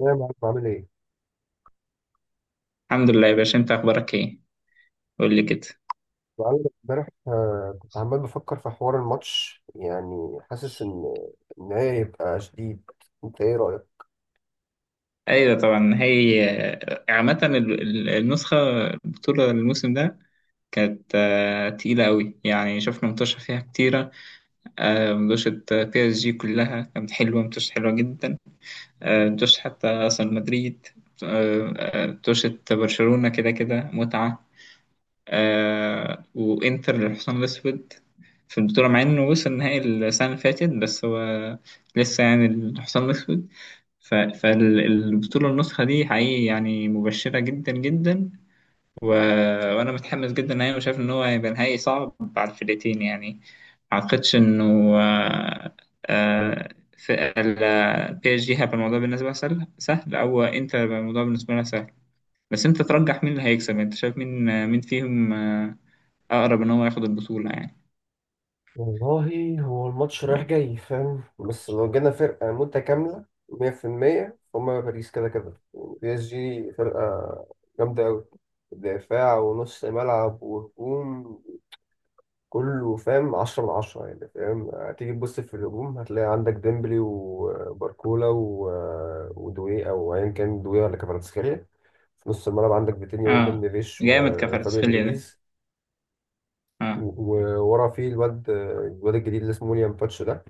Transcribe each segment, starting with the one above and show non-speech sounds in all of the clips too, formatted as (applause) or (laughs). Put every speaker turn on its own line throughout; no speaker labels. يا معلم عامل ايه؟
الحمد لله يا باشا، انت اخبارك ايه؟ قول لي كده.
معلم امبارح، كنت عمال بفكر في حوار الماتش، يعني حاسس ان هي هيبقى شديد. انت ايه رأيك؟
ايوه طبعا هي، عامه النسخه، البطوله الموسم ده كانت تقيله قوي، يعني شفنا متوشه فيها كتيره. متوشه بي اس جي كلها كانت حلوه، متوشه حلوه جدا. متوشه حتى اصلا مدريد. متوشه برشلونه، كده كده متعه. وانتر للحصان الاسود في البطوله، مع انه وصل نهائي السنه اللي فاتت، بس هو لسه يعني الحصان الاسود. فالبطولة النسخة دي حقيقي يعني مبشرة جدا جدا. و... وأنا متحمس جدا نهائي، وشايف إن هو هيبقى نهائي صعب على الفرقتين يعني. ما أعتقدش إنه آه، بي اس جي هيبقى الموضوع بالنسبة لها سهل سهل، أو أنت هيبقى الموضوع بالنسبة لها سهل. بس أنت ترجح مين اللي هيكسب؟ أنت شايف مين فيهم أقرب إن هو ياخد البطولة يعني؟
والله هو الماتش رايح جاي، فاهم؟ بس لو جينا فرقة متكاملة 100% فهم، باريس كده كده يعني. بي اس جي فرقة جامدة أوي، دفاع ونص ملعب وهجوم، كله فاهم 10 من 10 يعني. فاهم، هتيجي تبص في الهجوم، هتلاقي عندك ديمبلي وباركولا ودوي أو أيا كان، دوي ولا كفاراتسخيليا. في نص الملعب عندك فيتينيا وروبن
آه.
نيفيش
جامد
وفابيان
كفاراتسخيليا ده.
لويز.
آه،
وورا فيه الواد الجديد اللي اسمه ويليام باتش ده،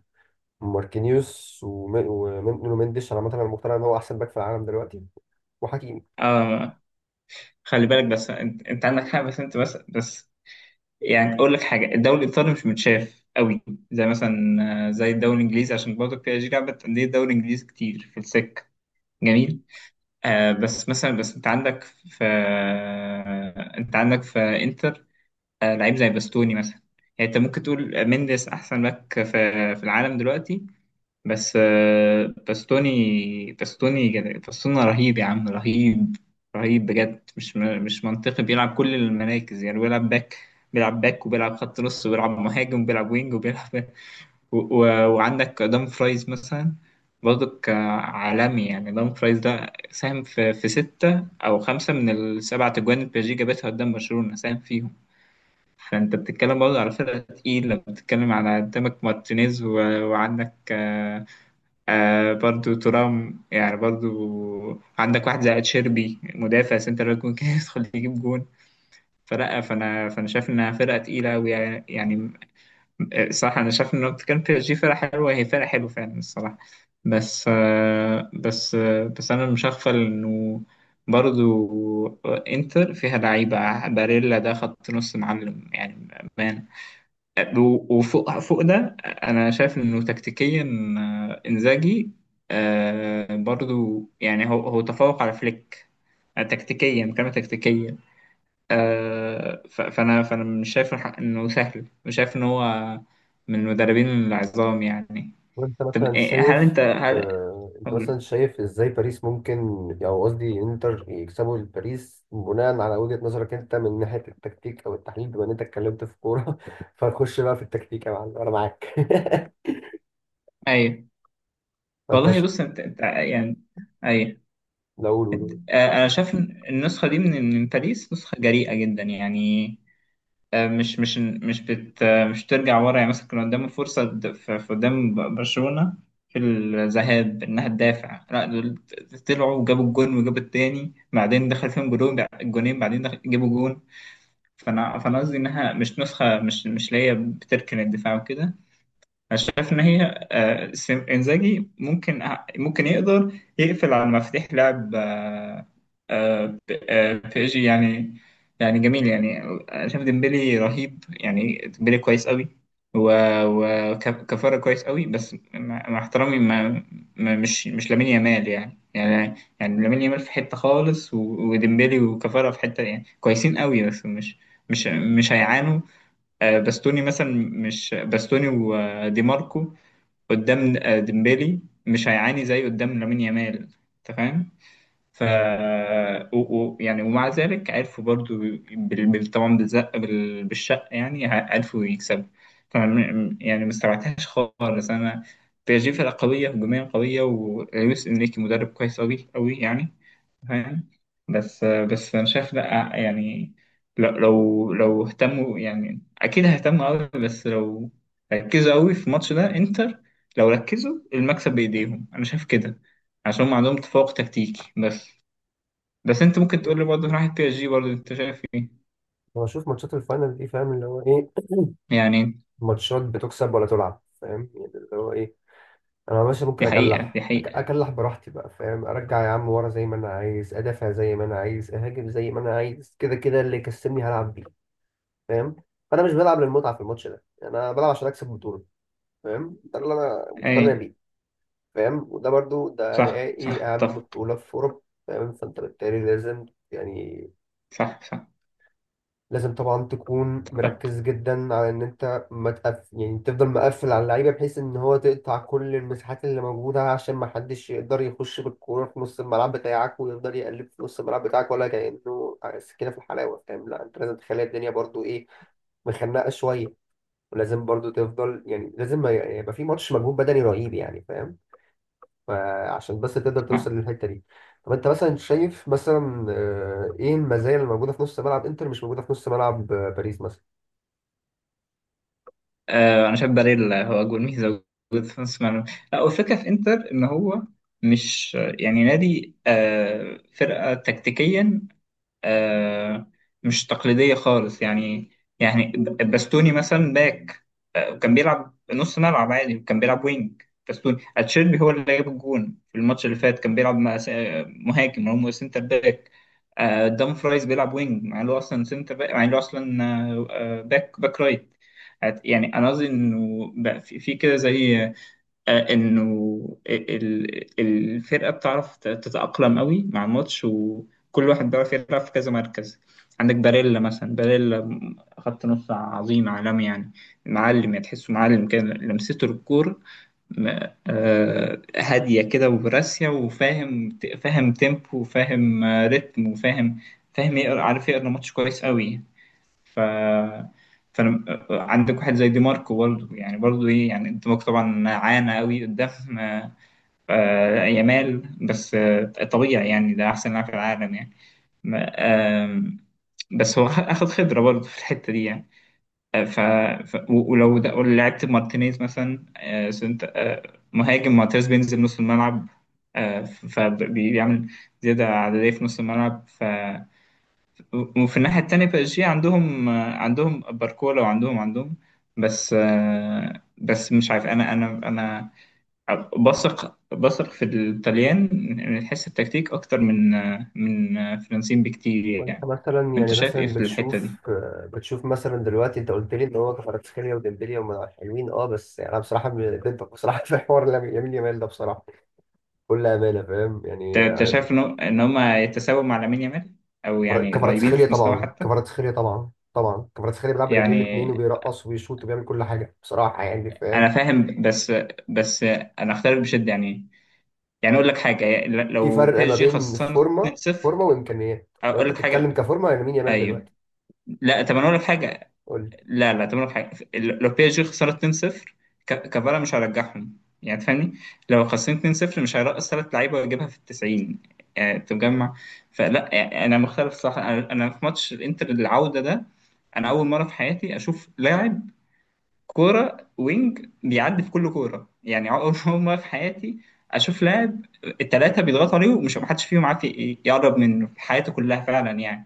ماركينيوس، ونونو مندش. انا مثلا مقتنع ان هو احسن باك في العالم دلوقتي، وحكيمي.
آه. خلي بالك، بس انت عندك حق، بس أنت بس. يعني اقول لك حاجه، الدوري الايطالي مش متشاف قوي زي مثلا زي الدوري الانجليزي، عشان برضه بي اس جي لعبت انديه الدوري الانجليزي كتير في السكه. جميل. بس مثلا، بس انت عندك في آه انت عندك في انتر لعيب زي باستوني مثلا. يعني انت ممكن تقول مينديس احسن باك في العالم دلوقتي، بس باستوني رهيب يا عم، رهيب. رهيب بجد، مش منطقي، بيلعب كل المراكز. يعني بيلعب باك، بيلعب باك، وبيلعب خط نص، وبيلعب مهاجم، وبيلعب وينج، وبيلعب (laughs) و... و... وعندك دام فرايز مثلا، برضه عالمي يعني. دام فرايز ده ساهم في ستة أو خمسة من السبعة تجوان اللي بيجي جابتها قدام برشلونة، ساهم فيهم. فأنت بتتكلم برضه على فرقة تقيلة، بتتكلم على قدامك مارتينيز، وعندك برضو ترام، يعني برضو. عندك واحد زي تشيربي، مدافع سنتر باك، ممكن (laughs) يدخل يجيب جون. فلا، فانا شايف انها فرقه تقيله أوي، صح، انا شايف ان لو كان بي اس جي فرقه حلوه، هي فرقه حلوه فعلا الصراحه. بس انا مش هغفل انه برضو انتر فيها لعيبه. باريلا ده خط نص معلم يعني، بأمانة. وفوق فوق ده انا شايف انه تكتيكيا انزاجي برضو، يعني هو تفوق على فليك تكتيكيا، كما تكتيكيا. فانا مش شايف الحق انه سهل، مش شايف ان هو من المدربين العظام يعني.
وانت
طب
مثلا
هل
شايف
انت
آه، انت
اقول.
مثلا شايف ازاي باريس ممكن، او قصدي انتر يكسبوا الباريس، بناء على وجهة نظرك انت من ناحية التكتيك او التحليل، بما ان انت اتكلمت في كورة (laughs) فنخش بقى في التكتيك يا معلم، انا معاك (laughs)
ايوه.
فانت
والله بص، انت يعني. ايوه.
لا، قول، قول،
انا شايف إن النسخه دي من باريس نسخه جريئه جدا يعني. مش ترجع ورا، يعني مثلا كان قدامه فرصة في قدام برشلونة في الذهاب إنها تدافع. لا دول طلعوا وجابوا الجون وجابوا التاني، بعدين دخل فيهم جونين، بعدين دخل جابوا جون. فأنا قصدي إنها مش نسخة، مش اللي هي بتركن الدفاع وكده. انا شايف ان هي انزاجي ممكن، يقدر يقفل على مفاتيح لعب آه، ب- بي اس جي يعني. يعني جميل، يعني انا شايف ديمبلي رهيب، يعني ديمبلي كويس قوي، وكفارة كويس قوي، بس مع احترامي، مش لامين يامال يعني. لامين يامال في حتة خالص، وديمبلي وكفارة في حتة يعني كويسين قوي، بس مش هيعانوا باستوني مثلا. مش باستوني ودي ماركو قدام ديمبلي مش هيعاني زي قدام لامين يامال، انت فاهم. ف يعني ومع ذلك عرفوا برضو طبعا بالزق، بالشق، يعني عرفوا يكسبوا. فانا يعني ما استبعدتهاش خالص انا. بي اس جي فرقه قويه، هجوميه قويه، ولويس انريكي مدرب كويس قوي قوي يعني، فاهم. بس انا شايف لا، يعني لو اهتموا، يعني اكيد هيهتموا قوي، بس لو ركزوا قوي في الماتش ده انتر، لو ركزوا المكسب بايديهم، انا شايف كده، عشان هم عندهم تفوق تكتيكي بس. بس انت ممكن
قول.
تقول لي برضه في ناحية بي اس جي برضه، انت شايف ايه؟
هو شوف ماتشات الفاينل دي، فاهم اللي هو ايه؟
يعني
(clears throat) ماتشات بتكسب ولا تلعب، فاهم يعني اللي هو ايه. انا باشا ممكن
دي حقيقة، دي
اكلح،
حقيقة.
اكلح براحتي بقى، فاهم؟ ارجع يا عم ورا، زي ما انا عايز ادافع، زي ما انا عايز اهاجم، زي ما انا عايز، كده كده اللي يكسبني هلعب بيه، فاهم؟ فانا مش بلعب للمتعه في الماتش ده يعني، انا بلعب عشان اكسب بطوله، فاهم؟ ده اللي انا مقتنع
ايه.
بيه، فاهم؟ وده برضو ده
صح،
نهائي
صح،
اهم
اتفق.
بطوله في اوروبا، فاهم؟ فانت بالتالي لازم، يعني
صح، صح،
لازم طبعا تكون
اتفق.
مركز جدا على ان انت ما تقف. يعني تفضل مقفل على اللعيبه، بحيث ان هو تقطع كل المساحات اللي موجوده، عشان ما حدش يقدر يخش بالكوره في نص الملعب بتاعك، ويقدر يقلب في نص الملعب بتاعك ولا كانه سكينه في الحلاوه، فاهم؟ لا انت لازم تخلي الدنيا برضو ايه، مخنقه شويه. ولازم برضو تفضل، يعني لازم يبقى في ماتش مجهود بدني رهيب يعني، فاهم؟ فعشان بس تقدر توصل للحته دي. طب انت مثلا شايف، مثلا ايه المزايا اللي موجوده في نص ملعب انتر مش موجوده في نص ملعب باريس مثلا؟
انا شايف باريلا هو اجمل ميزه وجود في نص الملعب. لا، والفكره في انتر ان هو مش يعني نادي، فرقه تكتيكيا آه، مش تقليدية خالص، يعني يعني باستوني مثلا باك، وكان بيلعب نص ملعب عادي، وكان بيلعب وينج. باستوني اتشيربي هو اللي جاب الجون في الماتش اللي فات، كان بيلعب مهاجم، هو سنتر باك. دام فرايز بيلعب وينج، مع انه اصلا سنتر باك، مع انه اصلا باك رايت. يعني انا قصدي انه بقى في كده زي انه الفرقه بتعرف تتاقلم قوي مع الماتش، وكل واحد بيعرف يلعب في كذا مركز. عندك باريلا مثلا، خط نص عظيم، عالمي يعني، معلم يعني، تحسه معلم كده. لمسته للكوره م- هاديه كده، وبراسيه، فاهم تيمبو، وفاهم ريتم، وفاهم. فاهم يقرا، عارف يقرا ماتش كويس قوي. ف فانا، عندك واحد زي دي ماركو برضه، يعني برضه ايه، يعني انت ماركو طبعا عانى قوي قدام يامال، بس طبيعي يعني، ده احسن لاعب في العالم يعني. ما- آم، بس هو اخذ خبره برضه في الحته دي يعني. آه، ف... ولو لعبت مارتينيز مثلا آه، سنت... آه، مهاجم، مارتينيز بينزل نص الملعب، فبيعمل زياده عدديه في نص الملعب. وفي الناحية التانية بي اس جي عندهم باركولا، وعندهم بس. بس مش عارف، انا بثق في الطليان من حيث التكتيك اكتر من فرنسيين بكتير
وانت
يعني.
مثلا
انت
يعني
شايف ايه
مثلا
في الحتة دي؟
بتشوف مثلا دلوقتي انت قلت لي ان هو كفاراتسخيليا وديمبلي هم حلوين، اه بس يعني انا بصراحه ضدك بصراحه (laughs) في حوار لامين يامال ده، بصراحه بكل امانه فاهم
انت
يعني.
أنت شايف ان هم يتساووا مع لامين يامال، او يعني قريبين
كفاراتسخيليا
في مستوى
طبعا،
حتى؟
كفاراتسخيليا طبعا كفاراتسخيليا بيلعب برجليه الاثنين،
يعني
وبيرقص وبيشوط وبيعمل كل حاجه، بصراحه يعني
انا
فاهم.
فاهم، بس انا اختلف بشدة يعني. يعني اقول لك حاجة،
في
لو
فرق
بي اس
ما
جي
بين
خسرنا
فورمه
2-0.
فورمه وامكانيات، لو
اقول
انت
لك
بتتكلم
حاجه.
كفورمه لامين يامال
ايوه.
دلوقتي
لا، طب انا اقول لك حاجه.
قول لي.
لا، لا، طب اقول لك حاجه، لو بي اس جي خسرت 2-0، كفارا مش هرجعهم، يعني تفهمني. لو خسرت 2-0 مش هيرقص ثلاث لعيبه ويجيبها في ال 90، يعني تجمع. فلا، يعني انا مختلف، صح. انا في ماتش الانتر العوده ده، انا اول مره في حياتي اشوف لاعب كوره وينج بيعدي في كل كوره، يعني اول (laughs) أول مره في حياتي اشوف لاعب الثلاثه بيضغطوا عليه ومش محدش فيهم عارف يقرب منه في حياته كلها فعلا يعني.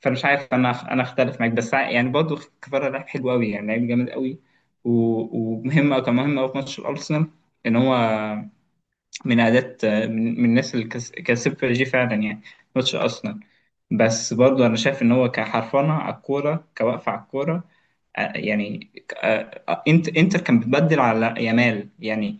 فمش عارف، انا اختلف معاك، بس يعني برضه كفاره لعب حلو قوي يعني، لعيب جامد قوي. ومهم، كان مهم قوي في ماتش الارسنال، ان هو من اداه، من الناس اللي كسبت جي فعلا يعني، ماتش ارسنال. بس برضه انا شايف ان هو كحرفنه على الكوره، كوقفه على الكوره يعني، انت انتر كان بتبدل على يامال يعني،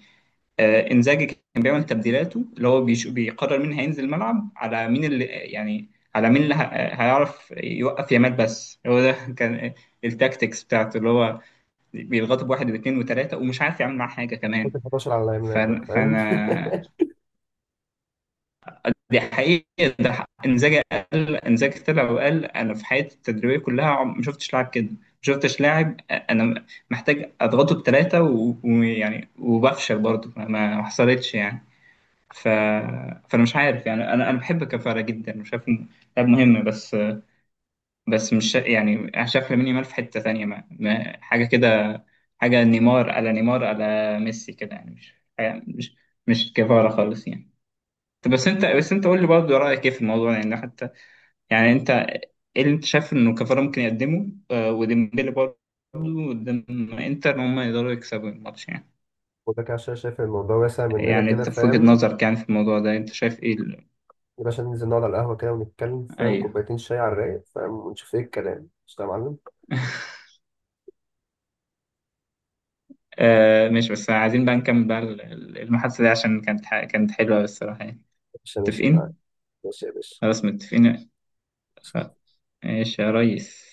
انزاجي كان بيعمل تبديلاته، اللي هو بيقرر مين هينزل الملعب على مين، اللي يعني على مين اللي هيعرف يوقف يامال. بس هو ده (laughs) كان التاكتكس بتاعته، اللي هو بيضغطه بواحد واثنين وثلاثة، ومش عارف يعمل معاه حاجة
حط
كمان.
ال 11 على لامين يامال بقى،
فأنا,
فاهم.
فأنا دي حقيقة. انزاجي قال، انزاجي طلع وقال أنا في حياتي التدريبية كلها ما شفتش لاعب كده، ما شفتش لاعب أنا محتاج أضغطه بثلاثة، ويعني وبفشل برضه، ما حصلتش يعني. ف... فانا مش عارف، يعني انا بحب كفاره جدا وشايف إنه لاعب مهم، بس بس مش شا- يعني انا شايف لامين يامال في حته ثانيه، ما... ما... حاجه كده، حاجه نيمار، على نيمار، على ميسي كده، يعني حاجة- مش مش كفاره خالص يعني. طب بس انت قول لي برضه، رايك ايه في الموضوع يعني حتى، يعني انت ايه اللي انت شايف انه كفاره ممكن يقدمه وديمبلي برضه قدام انتر، ان هم يقدروا يكسبوا الماتش يعني؟
(laughs) وده كده عشان شايف الموضوع واسع مننا
يعني
كده،
انت في وجهة
فاهم؟
نظرك، يعني في الموضوع ده انت شايف ايه
يا باشا ننزل نقعد على القهوة كده ونتكلم، فاهم؟
ايوه.
كوبايتين شاي على الرايق، فاهم؟ ونشوف ايه الكلام، مش يا معلم؟
مش بس عايزين بقى نكمل بقى المحادثة دي، عشان كانت حلوة الصراحة يعني.
ماشي، ماشي معاك،
متفقين؟
ماشي يا باشا.
خلاص متفقين. خ- ماشي يا ريس.